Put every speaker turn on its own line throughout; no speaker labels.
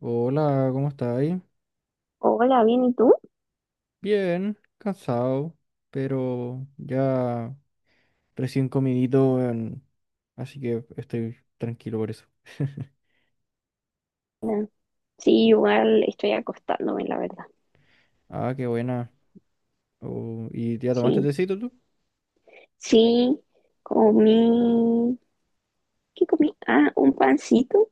Hola, ¿cómo estáis?
Hola, bien, ¿y tú?
Bien, cansado, pero ya recién comidito, weón, así que estoy tranquilo por eso.
Ah, sí, igual estoy acostándome, la verdad.
Ah, qué buena. Oh, ¿y ya tomaste
Sí,
tecito tú?
sí, comí, ¿qué comí? Ah, un pancito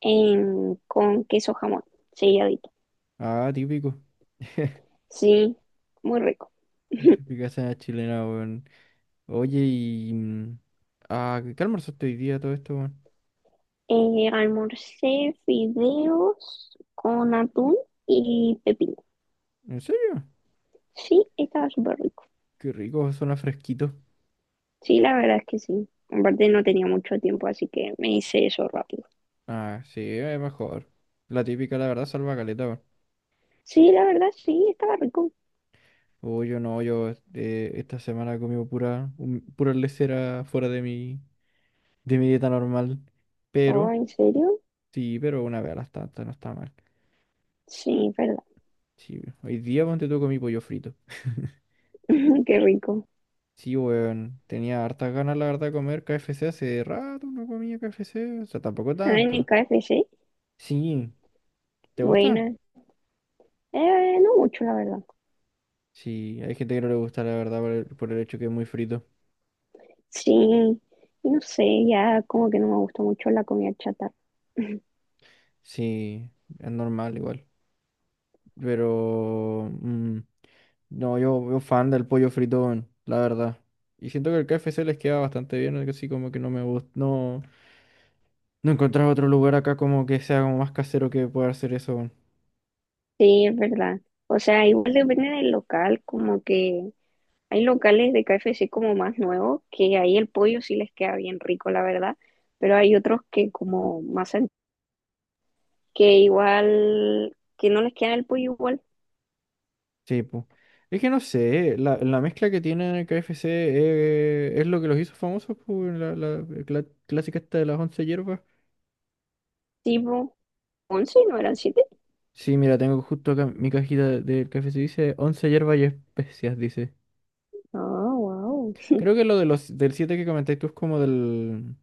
con queso jamón, selladito.
Ah, típico.
Sí, muy rico.
Típica cena chilena, weón. Oye, ah, ¿qué almorzaste hoy día todo esto, weón?
Almorcé fideos con atún y pepino.
¿En serio?
Sí, estaba súper rico.
Qué rico, suena fresquito.
Sí, la verdad es que sí. Aparte no tenía mucho tiempo, así que me hice eso rápido.
Ah, sí, es mejor. La típica, la verdad, salva caleta, weón.
Sí, la verdad sí, estaba rico.
Oh, yo no, yo esta semana he comido pura, pura lesera fuera de mi dieta normal.
Oh,
Pero,
¿en serio?
sí, pero una vez a las tantas no está mal.
Sí.
Sí, hoy día ponte tú comí pollo frito.
Qué rico.
Sí, weón, tenía hartas ganas, la verdad, de comer KFC. Hace rato no comía KFC, o sea, tampoco
Ah, en el
tanto.
KFC.
Sí, ¿te gusta?
Buena. No mucho, la verdad.
Sí, hay gente que no le gusta, la verdad, por el hecho que es muy frito.
Sí. Y no sé, ya como que no me gusta mucho la comida chatarra.
Sí, es normal igual. Pero no, yo fan del pollo fritón, la verdad. Y siento que el KFC les queda bastante bien, así como que no me gusta. No, no encontrar otro lugar acá como que sea como más casero que pueda hacer eso. Weón.
Sí, es verdad. O sea, igual depende del local, como que hay locales de KFC como más nuevos, que ahí el pollo sí les queda bien rico, la verdad, pero hay otros que como más que igual, que no les queda el pollo igual,
Sí, po. Es que no sé, la mezcla que tiene el KFC es lo que los hizo famosos, po, weón, la clásica esta de las 11 hierbas.
tipo 11, ¿no eran siete?
Sí, mira, tengo justo acá mi cajita del KFC, dice 11 hierbas y especias, dice.
Ah, wow.
Creo que lo de del 7 que comentáis tú es como del.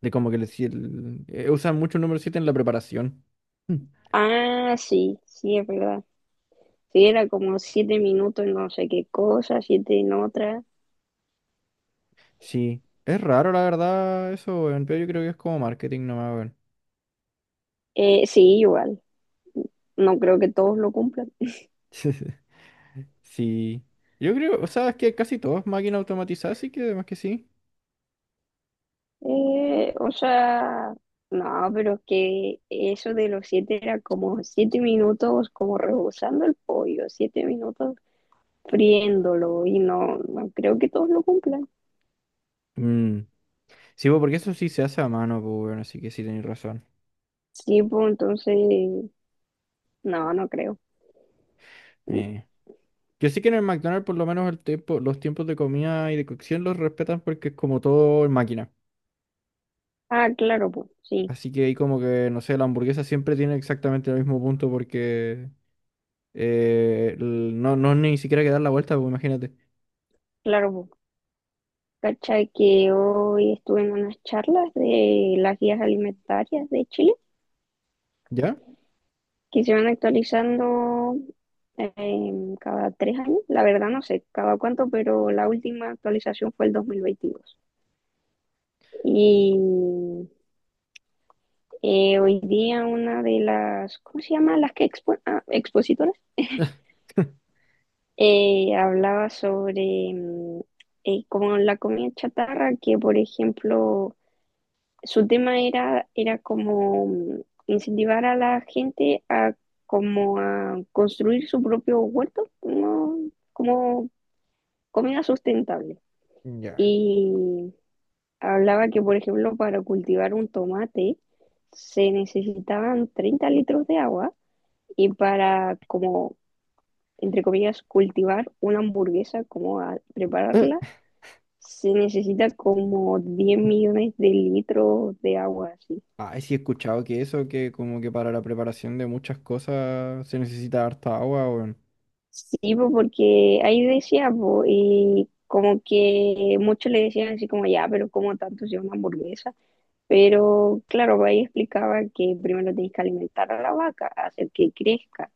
De como que le, si- el- usan mucho el número 7 en la preparación. Mm.
Ah, sí, sí, es verdad. Sí, era como 7 minutos en no sé qué cosa, siete en otra.
Sí. Es raro, la verdad, eso, weón, pero yo creo que es como marketing nomás, weón.
Sí, igual. No creo que todos lo cumplan.
Sí. Yo creo, o sea, es que casi todo es máquina automatizada, así que además que sí.
O sea, no, pero es que eso de los siete era como 7 minutos como rebozando el pollo, 7 minutos friéndolo y no, no creo que todos lo cumplan.
Mm. Sí, pues, porque eso sí se hace a mano, pues, bueno, así que sí tenéis razón.
Sí, pues entonces, no, no creo.
Eh. Yo sé que en el McDonald's por lo menos los tiempos de comida y de cocción los respetan porque es como todo en máquina.
Ah, claro, pues, sí,
Así que ahí como que, no sé, la hamburguesa siempre tiene exactamente el mismo punto porque no, no ni siquiera que dar la vuelta, pues imagínate.
claro, pues. Cacha que hoy estuve en unas charlas de las guías alimentarias de Chile,
¿Ya?
que se van actualizando cada 3 años. La verdad no sé cada cuánto, pero la última actualización fue el dos mil veintidós. Y hoy día una de las, ¿cómo se llama? Las que expositoras, hablaba sobre como la comida chatarra, que por ejemplo su tema era como incentivar a la gente a como a construir su propio huerto, ¿no? Como comida sustentable.
Ya.
Y hablaba que, por ejemplo, para cultivar un tomate se necesitaban 30 litros de agua y para, como, entre comillas, cultivar una hamburguesa, como a
Eh,
prepararla, se necesita como 10 millones de litros de agua, así.
ay, sí he escuchado que eso, que como que para la preparación de muchas cosas se necesita harta agua, weón.
Sí, po, porque ahí decía, po, y como que muchos le decían así como, ya, pero ¿como tanto sea una hamburguesa? Pero claro, ahí explicaba que primero tenés que alimentar a la vaca, hacer que crezca.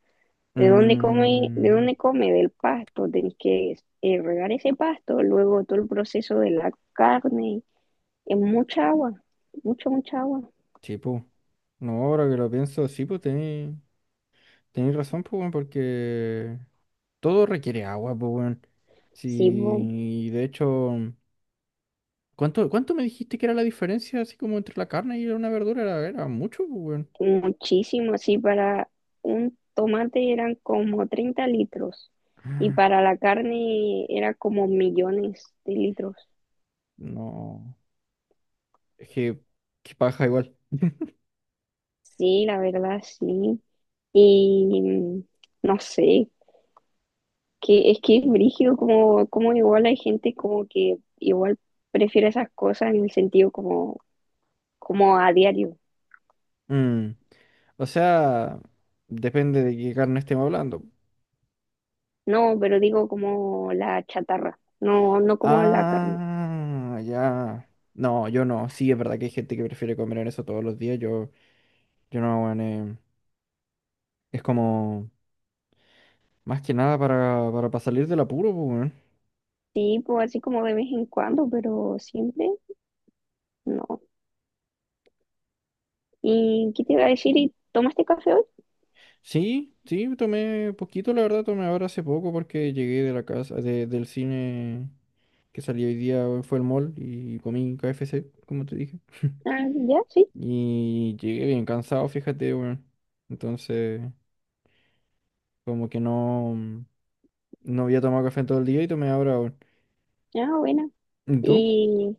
¿De dónde come? ¿De
Mm,
dónde come? Del pasto. Tenés que regar ese pasto, luego todo el proceso de la carne. Es mucha agua, mucha, mucha agua.
sí, pues. No, ahora que lo pienso, sí, pues tenéis razón, pues, weón, porque todo requiere agua, pues, weón. Sí,
Sí,
y de hecho, ¿cuánto me dijiste que era la diferencia así como entre la carne y una verdura? Era mucho, pues, weón.
muchísimo. Sí, para un tomate eran como 30 litros y para la carne era como millones de litros.
No. Es que paja igual.
Sí, la verdad, sí. Y no sé. Que es que es brígido como igual hay gente como que igual prefiere esas cosas en el sentido como a diario.
Mm, O sea, depende de qué carne estemos hablando.
No, pero digo como la chatarra, no, no como la carne.
Ah, ya. No, yo no. Sí, es verdad que hay gente que prefiere comer en eso todos los días. Yo no, weón, es como más que nada pa' salir del apuro, pues, weón.
Sí, pues así como de vez en cuando, pero siempre no. ¿Y qué te iba a decir? ¿Y tomaste café hoy?
Sí, sí, tomé poquito, la verdad, tomé ahora hace poco porque llegué de la casa, del cine que salí hoy día, weón, fue el mall y comí KFC, como te dije.
Ah, ya, sí.
Y llegué bien cansado, fíjate, weón. Entonces, como que no había tomado café en todo el día y tomé ahora, weón.
Ah, buena.
¿Y tú?
Y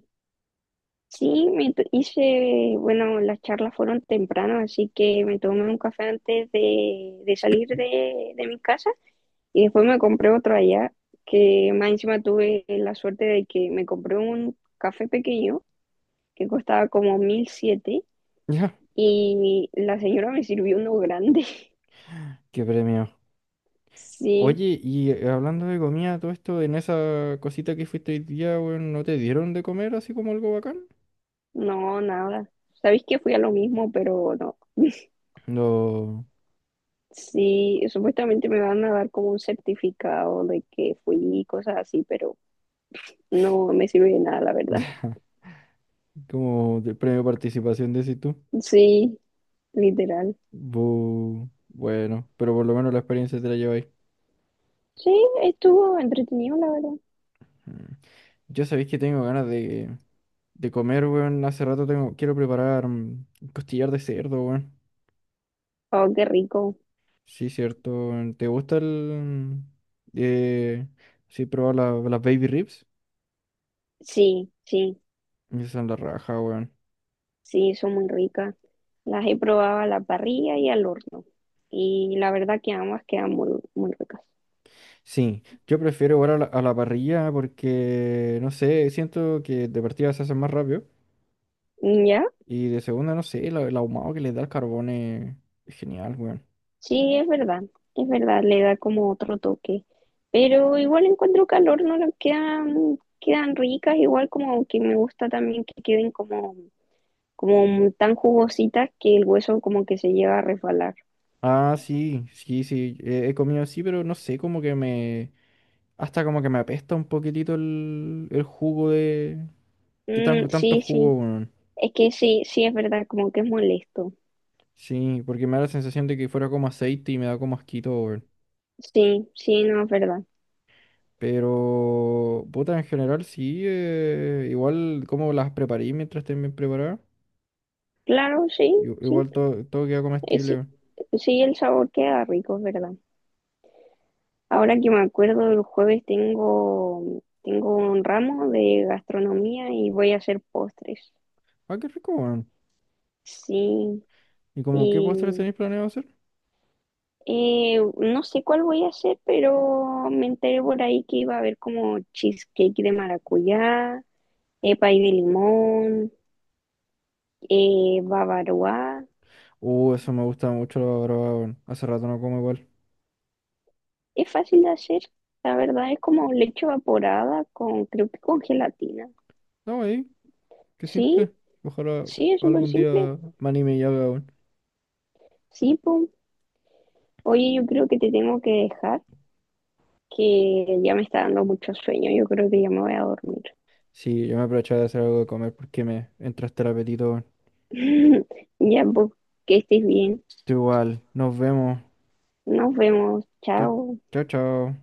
sí, hice, bueno, las charlas fueron temprano, así que me tomé un café antes de salir de mi casa. Y después me compré otro allá, que más encima tuve la suerte de que me compré un café pequeño que costaba como 1.007
Ya,
y la señora me sirvió uno grande.
qué premio.
Sí,
Oye, y hablando de comida, todo esto, en esa cosita que fuiste hoy día, weón, ¿no te dieron de comer así como algo bacán?
no, nada. Sabéis que fui a lo mismo, pero no.
No.
Sí, supuestamente me van a dar como un certificado de que fui y cosas así, pero no me sirve de nada, la verdad.
Como de premio participación, decís tú.
Sí, literal.
Bueno, pero por lo menos la experiencia te la lleváis.
Sí, estuvo entretenido, la verdad.
Mm. Yo sabéis que tengo ganas de comer, weón. Hace rato quiero preparar costillar de cerdo, weón.
Oh, qué rico.
Sí, cierto. Weón. ¿Te gusta el... Eh, sí, probar las baby ribs?
Sí, sí.
Esas son la raja, weón.
Sí, son muy ricas. Las he probado a la parrilla y al horno. Y la verdad que ambas quedan muy, muy ricas.
Sí, yo prefiero igual a la, parrilla porque, no sé, siento que de partida se hacen más rápido.
Mm, ¿ya?
Y de segunda, no sé, el ahumado que le da el carbón es genial, weón.
Sí, es verdad. Es verdad, le da como otro toque. Pero igual encuentro que al horno las quedan ricas, igual como que me gusta también que queden como tan jugositas que el hueso como que se llega a resbalar.
Ah, sí, sí, sí. He comido así, pero no sé, como que me. Hasta como que me apesta un poquitito el jugo de. ¿Qué
Mm,
tanto
sí,
jugo,
sí.
weón?
Es que sí, sí es verdad, como que es molesto.
Sí, porque me da la sensación de que fuera como aceite y me da como asquito, weón.
Sí, sí, no es verdad.
Pero, puta, en general sí, igual como las preparé mientras estén bien preparadas,
Claro, sí,
i-
sí.
igual todo queda comestible,
Sí.
weón.
Sí, el sabor queda rico, es verdad. Ahora que me acuerdo, el jueves tengo un ramo de gastronomía y voy a hacer postres.
Ah, qué rico, weón.
Sí,
¿Y como qué postres
y
tenéis planeado hacer?
no sé cuál voy a hacer, pero me enteré por ahí que iba a haber como cheesecake de maracuyá, pay de limón, bavaroa.
Eso me gusta mucho, la verdad, weón. Hace rato no como igual.
Es fácil de hacer, la verdad, es como leche evaporada con, creo que con gelatina.
No, ahí, qué
Sí,
simple. Ojalá
sí, es súper
algún
simple.
día me anime y haga, weón.
Sí, po. Oye, yo creo que te tengo que dejar, que ya me está dando mucho sueño. Yo creo que ya me voy a dormir.
Sí, yo me aprovechaba de hacer algo de comer porque me entraste el apetito.
Ya, pues, que estés bien.
Tú igual, nos vemos.
Nos vemos.
Chao,
Chao.
chao, chao.